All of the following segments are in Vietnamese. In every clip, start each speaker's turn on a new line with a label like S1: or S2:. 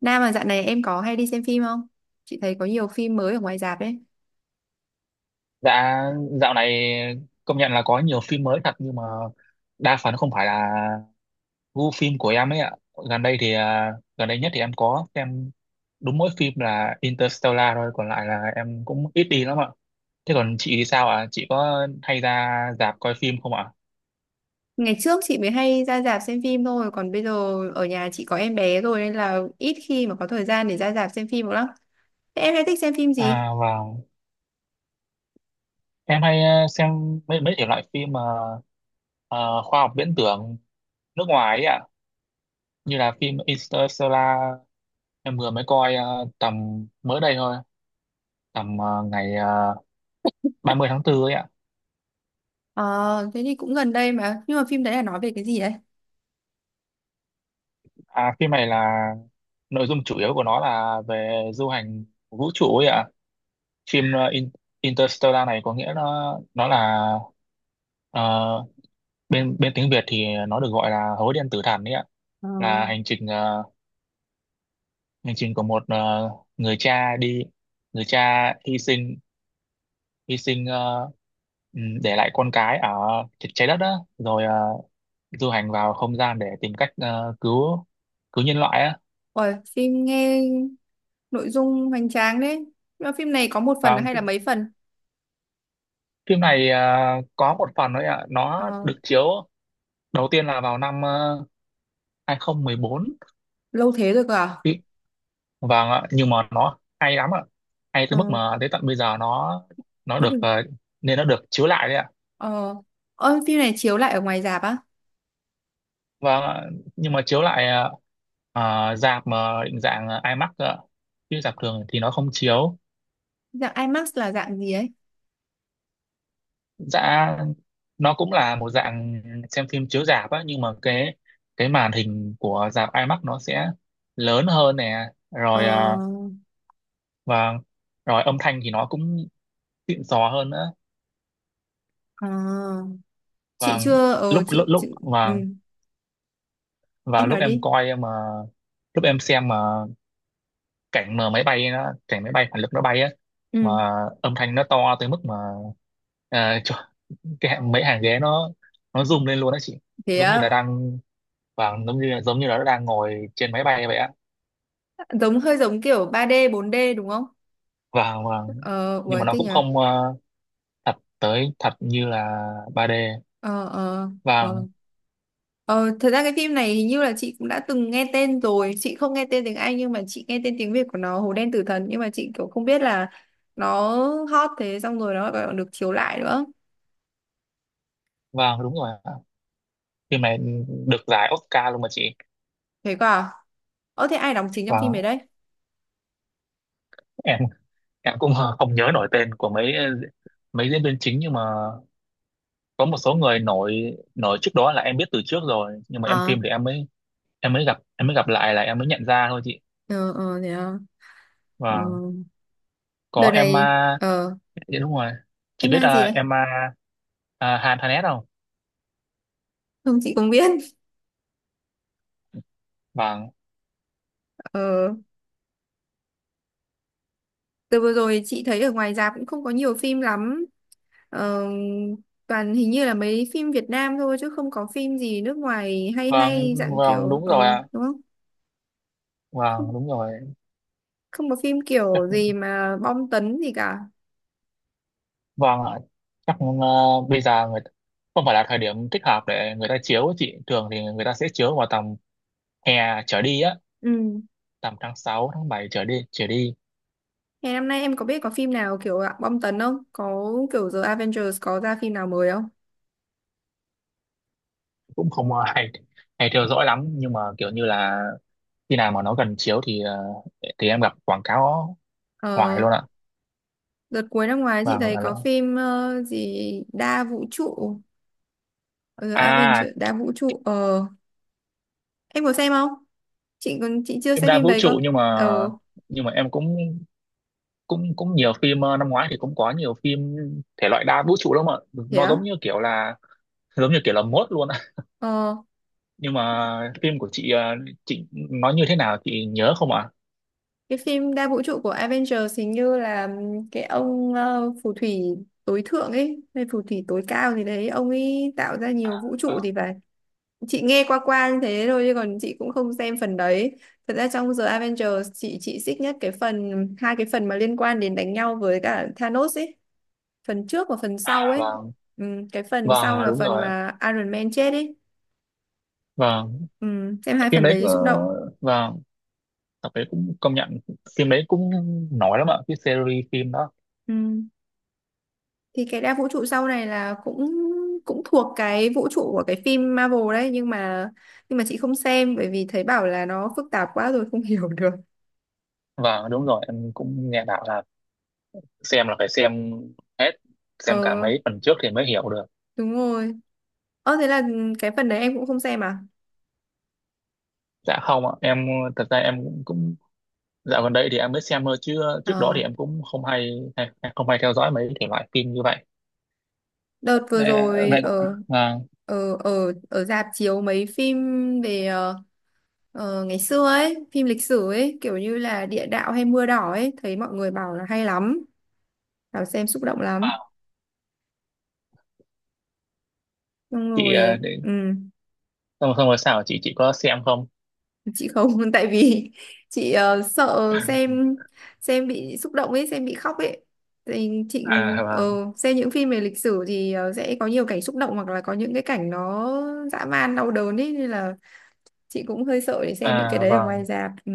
S1: Nam mà dạo này em có hay đi xem phim không? Chị thấy có nhiều phim mới ở ngoài rạp đấy.
S2: Dạ, dạo này công nhận là có nhiều phim mới thật, nhưng mà đa phần không phải là gu phim của em ấy ạ. Gần đây thì, à, gần đây nhất thì em có xem đúng mỗi phim là Interstellar thôi, còn lại là em cũng ít đi lắm ạ. Thế còn chị thì sao ạ? Chị có hay ra rạp coi phim không ạ?
S1: Ngày trước chị mới hay ra rạp xem phim thôi, còn bây giờ ở nhà chị có em bé rồi nên là ít khi mà có thời gian để ra rạp xem phim lắm. Thế em hay thích xem phim gì?
S2: À vâng, em hay xem mấy mấy thể loại phim mà ờ, khoa học viễn tưởng nước ngoài ấy ạ, như là phim Interstellar em vừa mới coi tầm mới đây thôi. Tầm ngày 30 tháng 4 ấy ạ.
S1: Ờ, Thế thì cũng gần đây mà. Nhưng mà phim đấy là nói về cái gì đấy?
S2: À, phim này là nội dung chủ yếu của nó là về du hành vũ trụ ấy ạ. Phim Interstellar này có nghĩa nó là, ờ, bên bên tiếng Việt thì nó được gọi là Hố Đen Tử Thần ấy ạ.
S1: Ờ,
S2: Là hành trình, của một, người cha đi người cha hy sinh, hy sinh ờ, để lại con cái ở trái đất đó, rồi du hành vào không gian để tìm cách cứu cứu nhân loại á.
S1: Ôi, phim nghe nội dung hoành tráng đấy. Nhưng mà phim này có một phần
S2: Vâng,
S1: hay là mấy phần?
S2: phim này à? Có một phần thôi ạ. Nó
S1: Ờ,
S2: được chiếu đầu tiên là vào năm uh, 2014.
S1: Lâu thế rồi cơ à?
S2: Ý, vâng ạ, nhưng mà nó hay lắm ạ. Hay tới mức
S1: Ờ,
S2: mà tới tận bây giờ nó
S1: Vẫn đừng.
S2: nên nó được chiếu lại đấy ạ.
S1: Ờ, ơ, phim này chiếu lại ở ngoài rạp á?
S2: Vâng ạ, nhưng mà chiếu lại, rạp mà định dạng IMAX ạ. Chứ rạp thường thì nó không chiếu.
S1: Dạng IMAX là dạng gì ấy?
S2: Dạ, nó cũng là một dạng xem phim chiếu rạp á, nhưng mà cái màn hình của rạp IMAX nó sẽ lớn hơn nè,
S1: Ờ,
S2: rồi và rồi âm thanh thì nó cũng xịn sò hơn nữa.
S1: à, chị
S2: Và
S1: chưa
S2: lúc lúc
S1: chị,
S2: lúc
S1: ừ,
S2: và
S1: em nói đi.
S2: Lúc em xem mà, cảnh máy bay phản lực nó bay á, mà
S1: Ừ,
S2: âm thanh nó to tới mức mà, à, cho, mấy hàng ghế nó rung lên luôn đó chị,
S1: thế
S2: giống như là
S1: á.
S2: đang giống như là nó đang ngồi trên máy bay vậy á.
S1: Giống hơi giống kiểu ba d bốn d đúng không.
S2: Và
S1: Ờ
S2: Nhưng mà
S1: Uầy
S2: nó
S1: thế
S2: cũng
S1: nhỉ.
S2: không thật như là 3D.
S1: ờ ờ
S2: Và
S1: ờ Thật ra cái phim này hình như là chị cũng đã từng nghe tên rồi, chị không nghe tên tiếng Anh nhưng mà chị nghe tên tiếng Việt của nó Hồ Đen Tử Thần, nhưng mà chị kiểu không biết là nó hot thế, xong rồi nó còn được chiếu lại nữa.
S2: và Đúng rồi ạ, phim này được giải Oscar luôn mà chị.
S1: Thế cơ à? Thế ai đóng chính trong
S2: Và
S1: phim ấy đấy?
S2: em em cũng không nhớ nổi tên của mấy, ờ, mấy diễn viên chính, nhưng mà có một số người nổi nổi trước đó là em biết từ trước rồi, nhưng mà em phim
S1: à
S2: thì em mới, em mới gặp lại là em mới nhận ra thôi chị.
S1: ờ Thế à? ờ
S2: Và có
S1: Đợt
S2: Emma.
S1: này,
S2: Dạ đúng rồi, chị
S1: em
S2: biết.
S1: mang gì đấy?
S2: Emma, à, Hanet không?
S1: Không, chị cũng biết.
S2: Vâng,
S1: Ờ, từ vừa rồi chị thấy ở ngoài rạp cũng không có nhiều phim lắm. Ờ, toàn hình như là mấy phim Việt Nam thôi chứ không có phim gì nước ngoài hay,
S2: vâng,
S1: hay dạng
S2: vâng
S1: kiểu
S2: đúng
S1: ờ,
S2: rồi ạ.
S1: đúng không?
S2: Vâng
S1: Không,
S2: đúng rồi.
S1: không có phim
S2: Chắc,
S1: kiểu gì mà bom tấn gì cả.
S2: vâng ạ, chắc bây giờ, không phải là thời điểm thích hợp để người ta chiếu ấy chị, thường thì người ta sẽ chiếu vào tầm hè trở đi á,
S1: Ừ,
S2: tầm tháng 6 tháng 7 trở đi,
S1: ngày năm nay em có biết có phim nào kiểu dạng bom tấn không, có kiểu The Avengers có ra phim nào mới không?
S2: cũng không có hay hay theo dõi lắm, nhưng mà kiểu như là khi nào mà nó gần chiếu thì, thì em gặp quảng cáo hoài
S1: Ờ,
S2: luôn ạ.
S1: đợt cuối năm ngoái chị
S2: Và
S1: thấy
S2: là,
S1: có phim gì đa vũ trụ, The
S2: à
S1: Avengers đa vũ trụ ờ, em có xem không? Chị còn chị chưa
S2: Phim
S1: xem
S2: đa
S1: phim
S2: vũ
S1: đấy
S2: trụ,
S1: cơ.
S2: nhưng mà
S1: Ờ
S2: em cũng cũng cũng nhiều phim năm ngoái thì cũng có nhiều phim thể loại đa vũ trụ lắm ạ.
S1: thế
S2: Nó giống
S1: á.
S2: như kiểu là giống như kiểu là mốt luôn ạ.
S1: Ờ,
S2: Nhưng mà phim của chị chị nói như thế nào, chị nhớ không ạ?
S1: cái phim đa vũ trụ của Avengers hình như là cái ông phù thủy tối thượng ấy hay phù thủy tối cao gì đấy, ông ấy tạo ra nhiều vũ trụ thì phải. Chị nghe qua qua như thế thôi chứ còn chị cũng không xem phần đấy. Thật ra trong The Avengers chị xích nhất cái phần hai, cái phần mà liên quan đến đánh nhau với cả Thanos ấy, phần trước và phần sau
S2: À,
S1: ấy.
S2: vâng
S1: Ừ, cái phần sau
S2: vâng
S1: là
S2: đúng
S1: phần
S2: rồi ạ.
S1: mà Iron Man chết ấy.
S2: Vâng,
S1: Ừ, xem hai
S2: phim
S1: phần
S2: đấy,
S1: đấy xúc động.
S2: vâng, tập đấy cũng công nhận, phim đấy cũng nổi lắm ạ, cái series phim đó.
S1: Ừ. Thì cái đa vũ trụ sau này là cũng cũng thuộc cái vũ trụ của cái phim Marvel đấy, nhưng mà chị không xem bởi vì thấy bảo là nó phức tạp quá rồi không hiểu được.
S2: Và đúng rồi, em cũng nghe bảo là xem là phải xem hết, xem cả
S1: Ờ
S2: mấy phần trước thì mới hiểu được.
S1: đúng rồi. Ờ thế là ừ, cái phần đấy em cũng không xem à?
S2: Dạ không ạ, em thật ra em cũng, cũng dạo gần đây thì em mới xem thôi, chứ trước đó thì
S1: Ờ
S2: em cũng hay không hay theo dõi mấy thể loại phim như vậy.
S1: đợt vừa
S2: Ờ,
S1: rồi
S2: vậy ạ.
S1: ở
S2: Vâng,
S1: ở ở ở rạp chiếu mấy phim về ngày xưa ấy, phim lịch sử ấy, kiểu như là Địa đạo hay Mưa đỏ ấy, thấy mọi người bảo là hay lắm, bảo xem xúc động lắm, xong
S2: chị
S1: rồi
S2: để,
S1: ừ
S2: xong rồi sao, chị có xem không?
S1: chị không tại vì chị sợ xem bị xúc động ấy, xem bị khóc ấy, thì chị
S2: À
S1: ờ,
S2: vâng,
S1: xem những phim về lịch sử thì sẽ có nhiều cảnh xúc động hoặc là có những cái cảnh nó dã man đau đớn ấy, nên là chị cũng hơi sợ để xem những cái
S2: à
S1: đấy ở ngoài
S2: vâng,
S1: rạp. Ừ.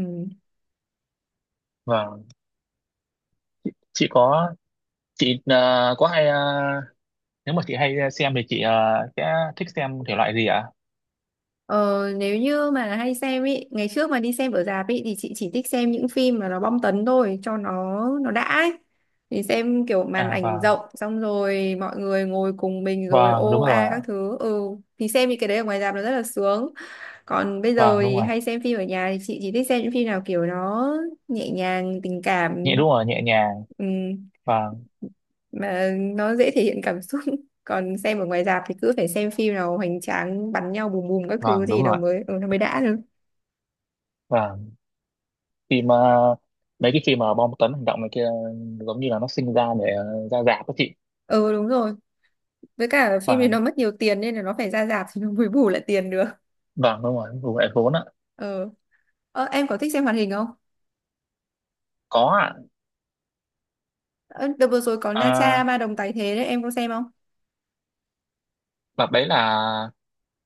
S2: vâng. chị có chị ờ, có hay ờ, Nếu mà chị hay xem thì chị sẽ thích xem thể loại gì ạ?
S1: Ờ, nếu như mà hay xem ý, ngày trước mà đi xem ở rạp ý thì chị chỉ thích xem những phim mà nó bom tấn thôi cho nó đã ấy. Thì xem kiểu màn
S2: À
S1: ảnh
S2: vâng,
S1: rộng xong rồi mọi người ngồi cùng mình rồi
S2: vâng
S1: ô
S2: đúng rồi
S1: a
S2: ạ.
S1: các thứ. Ừ thì xem những cái đấy ở ngoài rạp nó rất là sướng. Còn bây giờ
S2: Vâng đúng
S1: thì
S2: rồi,
S1: hay xem phim ở nhà thì chị chỉ thích xem những phim nào kiểu nó nhẹ nhàng, tình cảm.
S2: nhẹ đúng rồi, nhẹ nhàng.
S1: Ừ
S2: Vâng,
S1: mà nó dễ thể hiện cảm xúc còn xem ở ngoài rạp thì cứ phải xem phim nào hoành tráng bắn nhau bùm bùm các thứ
S2: vâng
S1: gì
S2: đúng
S1: nó
S2: rồi.
S1: mới ừ, nó mới đã được.
S2: Vâng, phim, mấy cái phim mà bom tấn hành động này kia, ừ, giống như là nó sinh ra để ra rạp đó chị.
S1: Ừ đúng rồi, với cả phim thì nó
S2: Vâng,
S1: mất nhiều tiền nên là nó phải ra rạp thì nó mới bù lại tiền được.
S2: vâng đúng rồi, vụ lại vốn ạ.
S1: ờ em có thích xem hoạt hình không?
S2: Có ạ.
S1: Ờ, đợt vừa rồi có Na Cha
S2: À,
S1: Ma Đồng Tái Thế đấy, em có xem không?
S2: đợt đấy là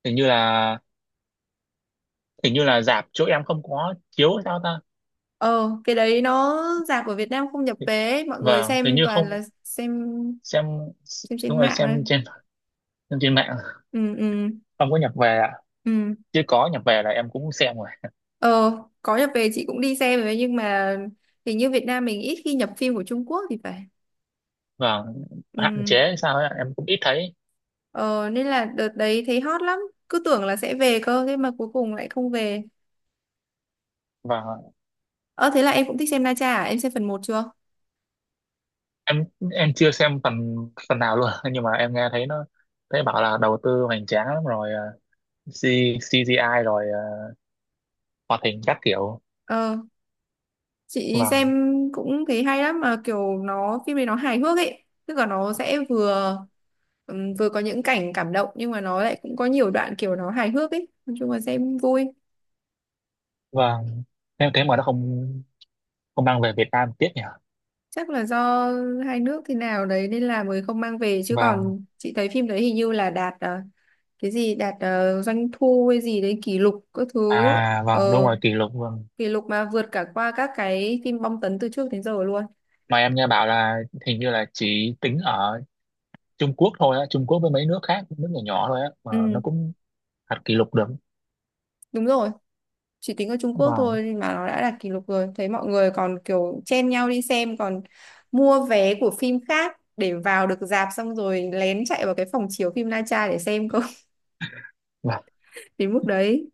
S2: hình như là, rạp chỗ em không có chiếu hay sao ta?
S1: Ờ cái đấy nó, rạp ở Việt Nam không nhập vé, mọi người
S2: Vâng, hình
S1: xem
S2: như
S1: toàn
S2: không.
S1: là xem
S2: Xem
S1: xem trên
S2: đúng rồi,
S1: mạng thôi.
S2: xem trên mạng.
S1: Ừ ừ
S2: Không có nhập về ạ.
S1: ừ.
S2: Chứ có nhập về là em cũng xem rồi.
S1: Ờ, có nhập về chị cũng đi xem rồi nhưng mà hình như Việt Nam mình ít khi nhập phim của Trung Quốc thì phải.
S2: Và hạn
S1: Ừ.
S2: chế sao ấy, em cũng ít thấy.
S1: Ờ, nên là đợt đấy thấy hot lắm, cứ tưởng là sẽ về cơ thế mà cuối cùng lại không về.
S2: Và
S1: Ờ thế là em cũng thích xem Na Tra à? Em xem phần một chưa?
S2: em em chưa xem phần phần nào luôn nhưng mà em nghe thấy nó, thấy bảo là đầu tư hoành tráng lắm, rồi C, CGI, rồi hoạt hình các kiểu.
S1: Ờ, chị
S2: Và
S1: xem cũng thấy hay lắm mà kiểu nó, phim này nó hài hước ấy, tức là nó sẽ vừa vừa có những cảnh cảm động nhưng mà nó lại cũng có nhiều đoạn kiểu nó hài hước ấy, nói chung là xem vui.
S2: và Thế mà nó không không mang về Việt Nam, tiếc nhỉ.
S1: Chắc là do hai nước thế nào đấy nên là mới không mang về, chứ
S2: Và,
S1: còn chị thấy phim đấy hình như là đạt cái gì đạt doanh thu hay gì đấy kỷ lục các thứ.
S2: à vâng đúng
S1: Ờ,
S2: rồi, kỷ lục, vâng.
S1: kỷ lục mà vượt cả qua các cái phim bom tấn từ trước đến giờ luôn.
S2: Mà em nghe bảo là hình như là chỉ tính ở Trung Quốc thôi á, Trung Quốc với mấy nước khác, nước nhỏ nhỏ thôi á, mà nó
S1: Ừ
S2: cũng đặt kỷ lục được.
S1: đúng rồi, chỉ tính ở Trung Quốc
S2: Vâng,
S1: thôi nhưng mà nó đã đạt kỷ lục rồi, thấy mọi người còn kiểu chen nhau đi xem, còn mua vé của phim khác để vào được rạp xong rồi lén chạy vào cái phòng chiếu phim Na Tra để xem cơ
S2: vâng,
S1: đến mức đấy.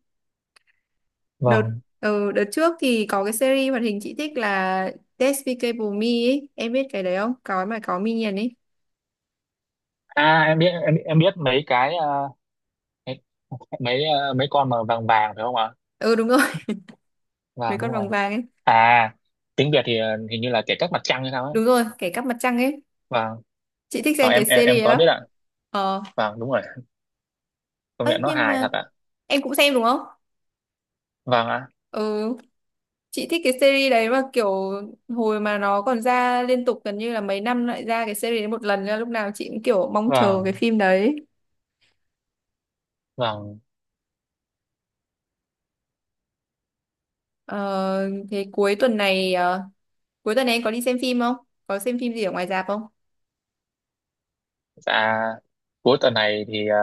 S1: đợt
S2: vâng.
S1: Đợt trước thì có cái series hoạt hình chị thích là Despicable Me ấy. Em biết cái đấy không? Có mà có Minion ấy.
S2: À em biết, em biết mấy cái, mấy mấy ờ, mấy con mà vàng vàng phải không ạ?
S1: Ừ đúng rồi, mấy
S2: Vàng
S1: con
S2: đúng rồi.
S1: vàng vàng ấy.
S2: À, tiếng Việt thì hình như là Kẻ Cắp Mặt Trăng hay sao ấy.
S1: Đúng rồi, kẻ cắp mặt trăng ấy.
S2: Vàng.
S1: Chị thích xem
S2: Vâng,
S1: cái
S2: em em
S1: series
S2: em
S1: ấy
S2: có
S1: lắm.
S2: biết ạ.
S1: Ờ,
S2: Vàng đúng rồi. Công
S1: ấy
S2: nhận nó
S1: nhưng
S2: hài
S1: mà
S2: thật ạ.
S1: em cũng xem đúng không?
S2: Vâng ạ.
S1: Ừ, chị thích cái series đấy mà kiểu hồi mà nó còn ra liên tục, gần như là mấy năm lại ra cái series đấy một lần nên là lúc nào chị cũng kiểu mong chờ cái
S2: Vâng,
S1: phim đấy.
S2: vâng.
S1: Ờ, thế cuối tuần này cuối tuần này em có đi xem phim không? Có xem phim gì ở ngoài rạp không?
S2: Dạ, cuối tuần này thì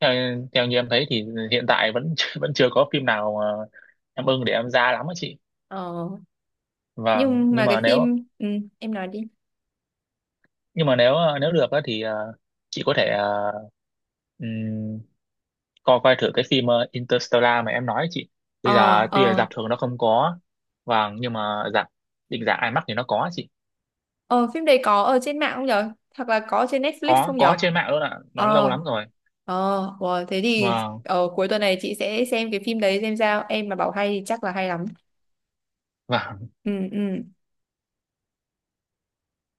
S2: theo theo như em thấy thì hiện tại vẫn vẫn chưa có phim nào mà em ưng để em ra lắm á chị.
S1: Ờ,
S2: Vâng,
S1: nhưng
S2: nhưng
S1: mà
S2: mà
S1: cái
S2: nếu,
S1: phim ừ, em nói đi.
S2: nếu được á thì chị có thể ờ, coi coi thử cái phim, Interstellar mà em nói ấy chị, bây
S1: Ờ
S2: giờ tuy là
S1: ờ
S2: rạp thường nó không có, vâng, nhưng mà rạp định dạng IMAX thì nó có chị.
S1: ờ Phim đấy có ở trên mạng không nhở? Hoặc là có trên Netflix
S2: có
S1: không
S2: có
S1: nhở?
S2: trên mạng luôn ạ, nó lâu
S1: Ờ
S2: lắm rồi.
S1: ờ wow, thế thì
S2: Vâng,
S1: cuối tuần này chị sẽ xem cái phim đấy xem sao. Em mà bảo hay thì chắc là hay lắm.
S2: vâng
S1: Ừ ừ.